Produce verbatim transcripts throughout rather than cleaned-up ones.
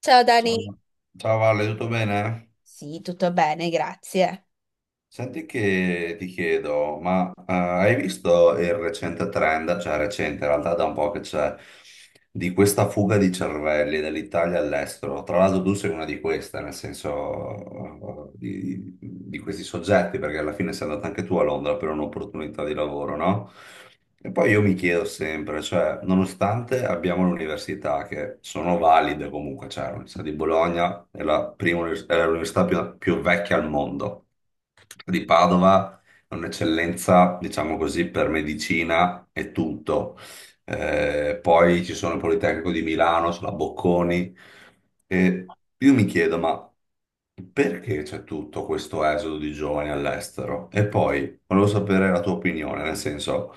Ciao Dani. Ciao, Ciao Valle, tutto bene? Sì, tutto bene, grazie. Senti che ti chiedo, ma eh, hai visto il recente trend, cioè recente, in realtà da un po' che c'è, di questa fuga di cervelli dall'Italia all'estero? Tra l'altro tu sei una di queste, nel senso eh, di, di questi soggetti, perché alla fine sei andata anche tu a Londra per un'opportunità di lavoro, no? E poi io mi chiedo sempre, cioè, nonostante abbiamo le università che sono valide comunque, cioè l'Università di Bologna è la prima univers- è l'università più, più vecchia al mondo, di Padova è un'eccellenza, diciamo così, per medicina e tutto. Eh, poi ci sono il Politecnico di Milano, c'è la Bocconi. E io mi chiedo, ma perché c'è tutto questo esodo di giovani all'estero? E poi volevo sapere la tua opinione, nel senso,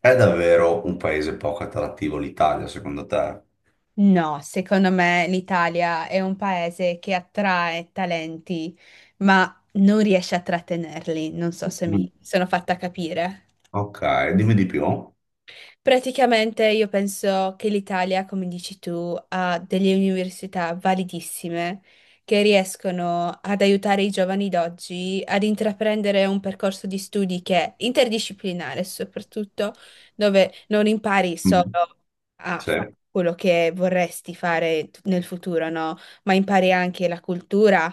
è davvero un paese poco attrattivo l'Italia, secondo te? No, secondo me l'Italia è un paese che attrae talenti, ma non riesce a trattenerli. Non so se mi Mm. sono fatta capire. Ok, dimmi di più. Praticamente io penso che l'Italia, come dici tu, ha delle università validissime che riescono ad aiutare i giovani d'oggi ad intraprendere un percorso di studi che è interdisciplinare, soprattutto dove non impari solo Mhm. a Sì. fare quello che vorresti fare t- nel futuro, no? Ma impari anche la cultura,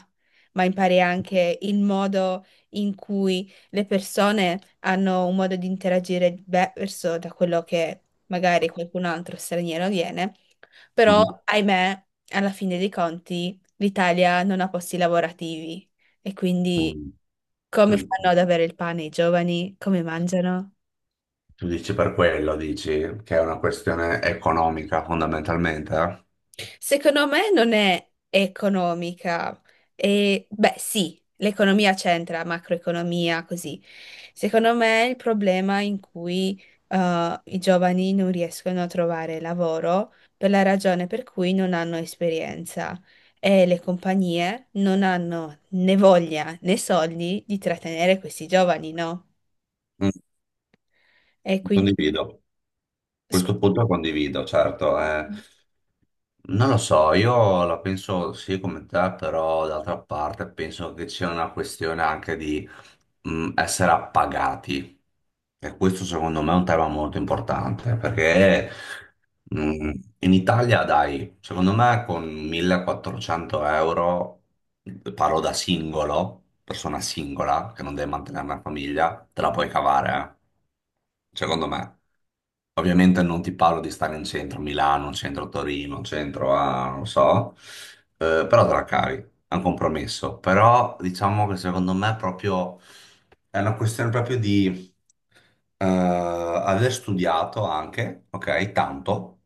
ma impari anche il modo in cui le persone hanno un modo di interagire diverso da quello che magari qualcun altro straniero viene, però Mhm. ahimè, alla fine dei conti, l'Italia non ha posti lavorativi e quindi Mm. come Tu, fanno ad avere il pane i giovani? Come mangiano? tu dici per quello, dici che è una questione economica fondamentalmente, eh? Secondo me non è economica. E beh, sì, l'economia c'entra, macroeconomia, così. Secondo me il problema in cui eh, i giovani non riescono a trovare lavoro per la ragione per cui non hanno esperienza e le compagnie non hanno né voglia né soldi di trattenere questi giovani, no? Mm. E quindi... Condivido. Questo Scusa. punto condivido, certo. eh. Non lo so, io la penso sì come te, però d'altra parte penso che c'è una questione anche di mh, essere appagati. E questo secondo me è un tema molto importante, perché mh, in Italia, dai, secondo me con millequattrocento euro, parlo da singolo, persona singola, che non deve mantenere una famiglia, te la puoi cavare, eh. Secondo me. Ovviamente non ti parlo di stare in centro a Milano, in centro a Torino, in centro a, non so, eh, però te la cavi, è un compromesso. Però diciamo che secondo me è proprio, è una questione proprio di eh, aver studiato anche, ok, tanto,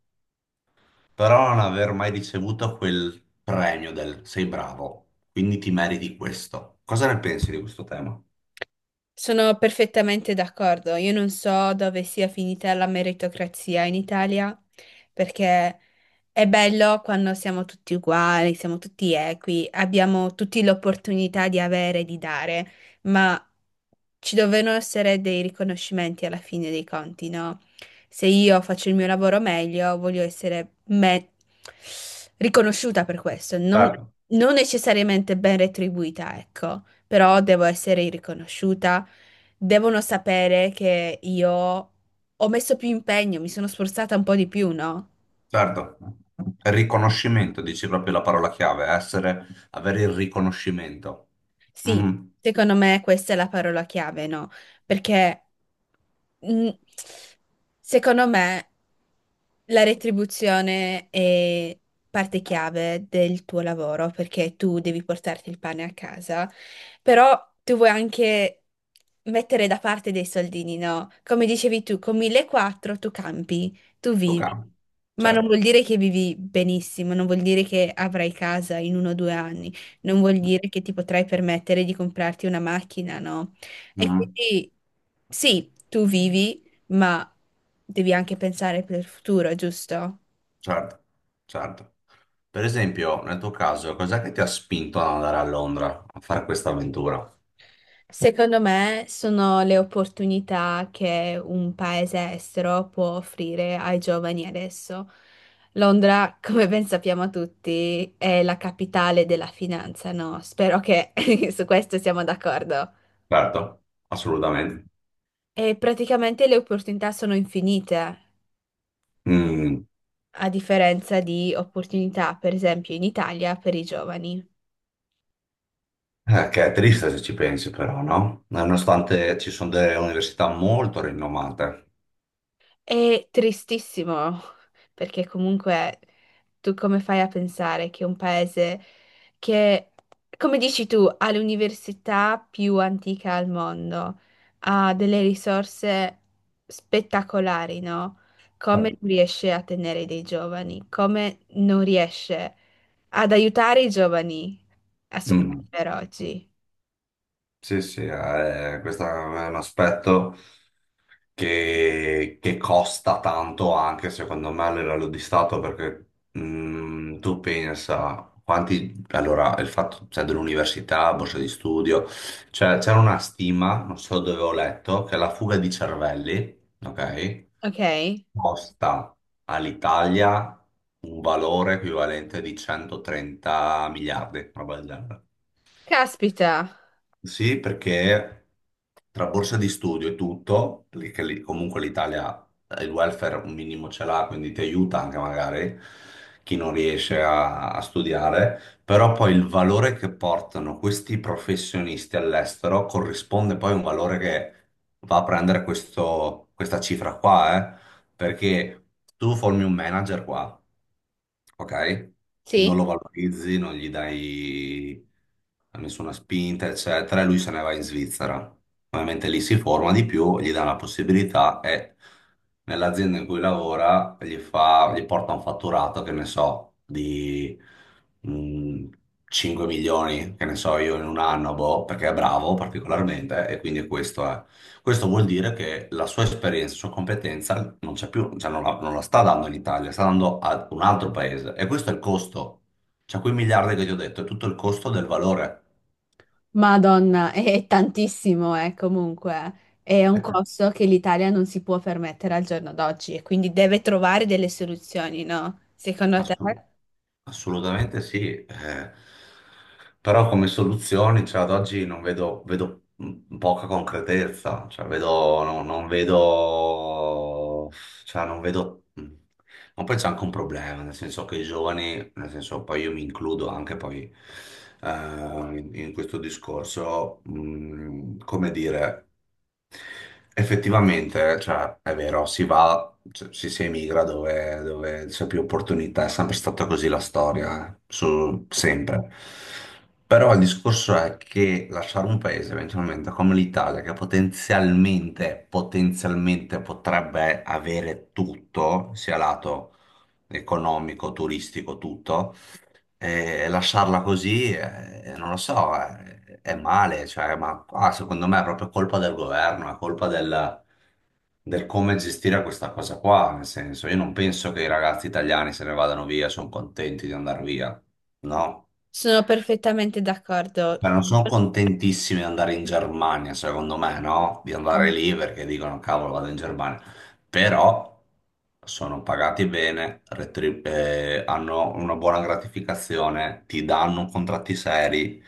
però non aver mai ricevuto quel premio del sei bravo, quindi ti meriti questo. Cosa ne pensi di questo tema? Sono perfettamente d'accordo. Io non so dove sia finita la meritocrazia in Italia, perché è bello quando siamo tutti uguali, siamo tutti equi, abbiamo tutti l'opportunità di avere e di dare, ma ci devono essere dei riconoscimenti alla fine dei conti, no? Se io faccio il mio lavoro meglio, voglio essere me- riconosciuta per questo, non, Certo. non necessariamente ben retribuita, ecco, però devo essere riconosciuta, devono sapere che io ho messo più impegno, mi sono sforzata un po' di più, no? Certo, riconoscimento, dici proprio la parola chiave, essere, avere il riconoscimento. Sì, Mhm. secondo me questa è la parola chiave, no? Perché mh, secondo me la retribuzione è parte chiave del tuo lavoro perché tu devi portarti il pane a casa, però tu vuoi anche mettere da parte dei soldini, no? Come dicevi tu, con millequattrocento tu campi, tu Ok, vivi, ma non certo. vuol dire che vivi benissimo, non vuol dire che avrai casa in uno o due anni, non vuol dire che ti potrai permettere di comprarti una macchina, no? E Mhm. quindi sì, tu vivi ma devi anche pensare per il futuro, giusto? Certo, certo. Per esempio, nel tuo caso, cos'è che ti ha spinto ad andare a Londra a fare questa avventura? Secondo me sono le opportunità che un paese estero può offrire ai giovani adesso. Londra, come ben sappiamo tutti, è la capitale della finanza, no? Spero che su questo siamo d'accordo. Certo, assolutamente. E praticamente le opportunità sono infinite, Mm, a differenza di opportunità, per esempio, in Italia per i giovani. eh, che è triste se ci pensi, però, no? Nonostante ci sono delle università molto rinomate. È tristissimo, perché comunque tu come fai a pensare che un paese che, come dici tu, ha l'università più antica al mondo, ha delle risorse spettacolari, no? Come Certo. non riesce a tenere dei giovani? Come non riesce ad aiutare i giovani a Mm, sopravvivere oggi? sì, sì, eh, questo è un aspetto. che, che costa tanto anche secondo me a livello di Stato perché mm, tu pensa quanti, allora il fatto cioè, dell'università, borsa di studio, cioè c'era una stima, non so dove ho letto, che la fuga di cervelli, ok, Ok? costa all'Italia un valore equivalente di centotrenta miliardi, una roba del genere. Caspita! Sì, perché tra borsa di studio e tutto, lì che lì- comunque l'Italia, eh, il welfare un minimo ce l'ha, quindi ti aiuta anche magari chi non riesce a, a studiare, però poi il valore che portano questi professionisti all'estero corrisponde poi a un valore che va a prendere questo- questa cifra qua, eh. Perché tu formi un manager qua, ok? Sì. Non lo valorizzi, non gli dai nessuna spinta, eccetera, e lui se ne va in Svizzera. Ovviamente lì si forma di più, gli dà la possibilità e nell'azienda in cui lavora gli fa, gli porta un fatturato, che ne so, di mh, cinque milioni, che ne so io, in un anno, boh, perché è bravo particolarmente e quindi questo questo vuol dire che la sua esperienza, la sua competenza non c'è più, cioè non la, non la sta dando in Italia, sta dando a un altro paese. E questo è il costo. Cioè, quei miliardi che ti ho detto, è tutto il costo del valore. Madonna, è è tantissimo, eh, comunque. È un Aspetta. costo che l'Italia non si può permettere al giorno d'oggi e quindi deve trovare delle soluzioni, no? Secondo te? Assurdo. Assolutamente sì, eh, però come soluzioni, cioè, ad oggi non vedo, vedo m- poca concretezza, cioè, vedo, no- non vedo, cioè, non vedo, mh, ma poi c'è anche un problema, nel senso che i giovani, nel senso poi io mi includo anche poi eh, in, in questo discorso, mm, come dire. Effettivamente, cioè, è vero, si va, cioè, si, si emigra dove, dove c'è più opportunità, è sempre stata così la storia, eh, su- sempre. Però il discorso è che lasciare un paese eventualmente come l'Italia, che potenzialmente, potenzialmente potrebbe avere tutto, sia lato economico, turistico, tutto, e lasciarla così, eh, non lo so, eh, è, male, cioè, ma qua secondo me è proprio colpa del governo, è colpa del, del come gestire questa cosa qua, nel senso, io non penso che i ragazzi italiani se ne vadano via, sono contenti di andare via, no? Sono perfettamente d'accordo. Beh, non sono contentissimi di andare in Germania, secondo me, no? Di andare lì perché dicono, cavolo, vado in Germania. Però sono pagati bene, retrib- eh, hanno una buona gratificazione, ti danno contratti seri,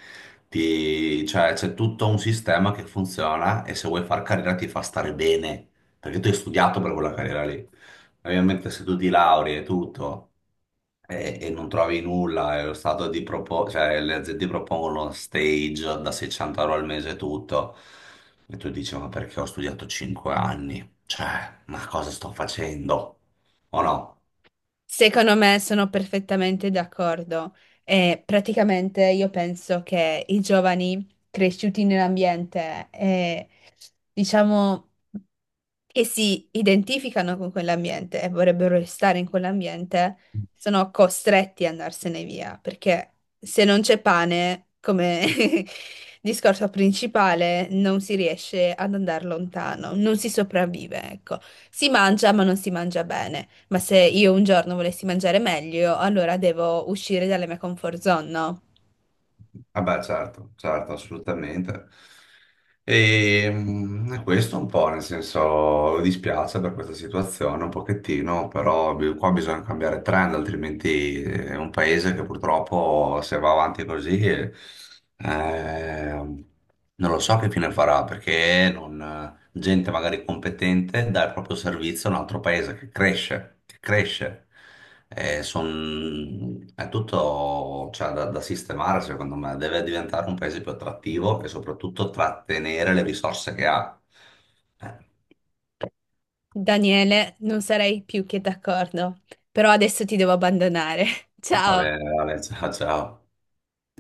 ti- cioè c'è tutto un sistema che funziona e se vuoi far carriera ti fa stare bene, perché tu hai studiato per quella carriera lì. Ovviamente se tu ti lauri e tutto e, e non trovi nulla, è lo stato di propo- cioè, le aziende propongono stage da seicento euro al mese e tutto, e tu dici, ma perché ho studiato cinque anni? Cioè, ma cosa sto facendo? O no? Secondo me sono perfettamente d'accordo. E praticamente io penso che i giovani cresciuti nell'ambiente, eh, diciamo. Che si identificano con quell'ambiente e vorrebbero restare in quell'ambiente, sono costretti ad andarsene via, perché se non c'è pane, come discorso principale, non si riesce ad andare lontano, non si sopravvive, ecco. Si mangia, ma non si mangia bene. Ma se io un giorno volessi mangiare meglio, allora devo uscire dalla mia comfort zone, no? Ah beh, certo, certo, assolutamente. E mm, è questo un po', nel senso, mi dispiace per questa situazione un pochettino, però bi- qua bisogna cambiare trend, altrimenti eh, è un paese che purtroppo se va avanti così, eh, non lo so che fine farà, perché non, gente magari competente dà il proprio servizio a un altro paese che cresce, che cresce. Eh, son- è tutto, cioè, da, da sistemare, secondo me. Deve diventare un paese più attrattivo e soprattutto trattenere le risorse che ha. Eh, Daniele, non sarei più che d'accordo, però adesso ti devo abbandonare. Va Ciao! bene, Ale, ciao, ciao.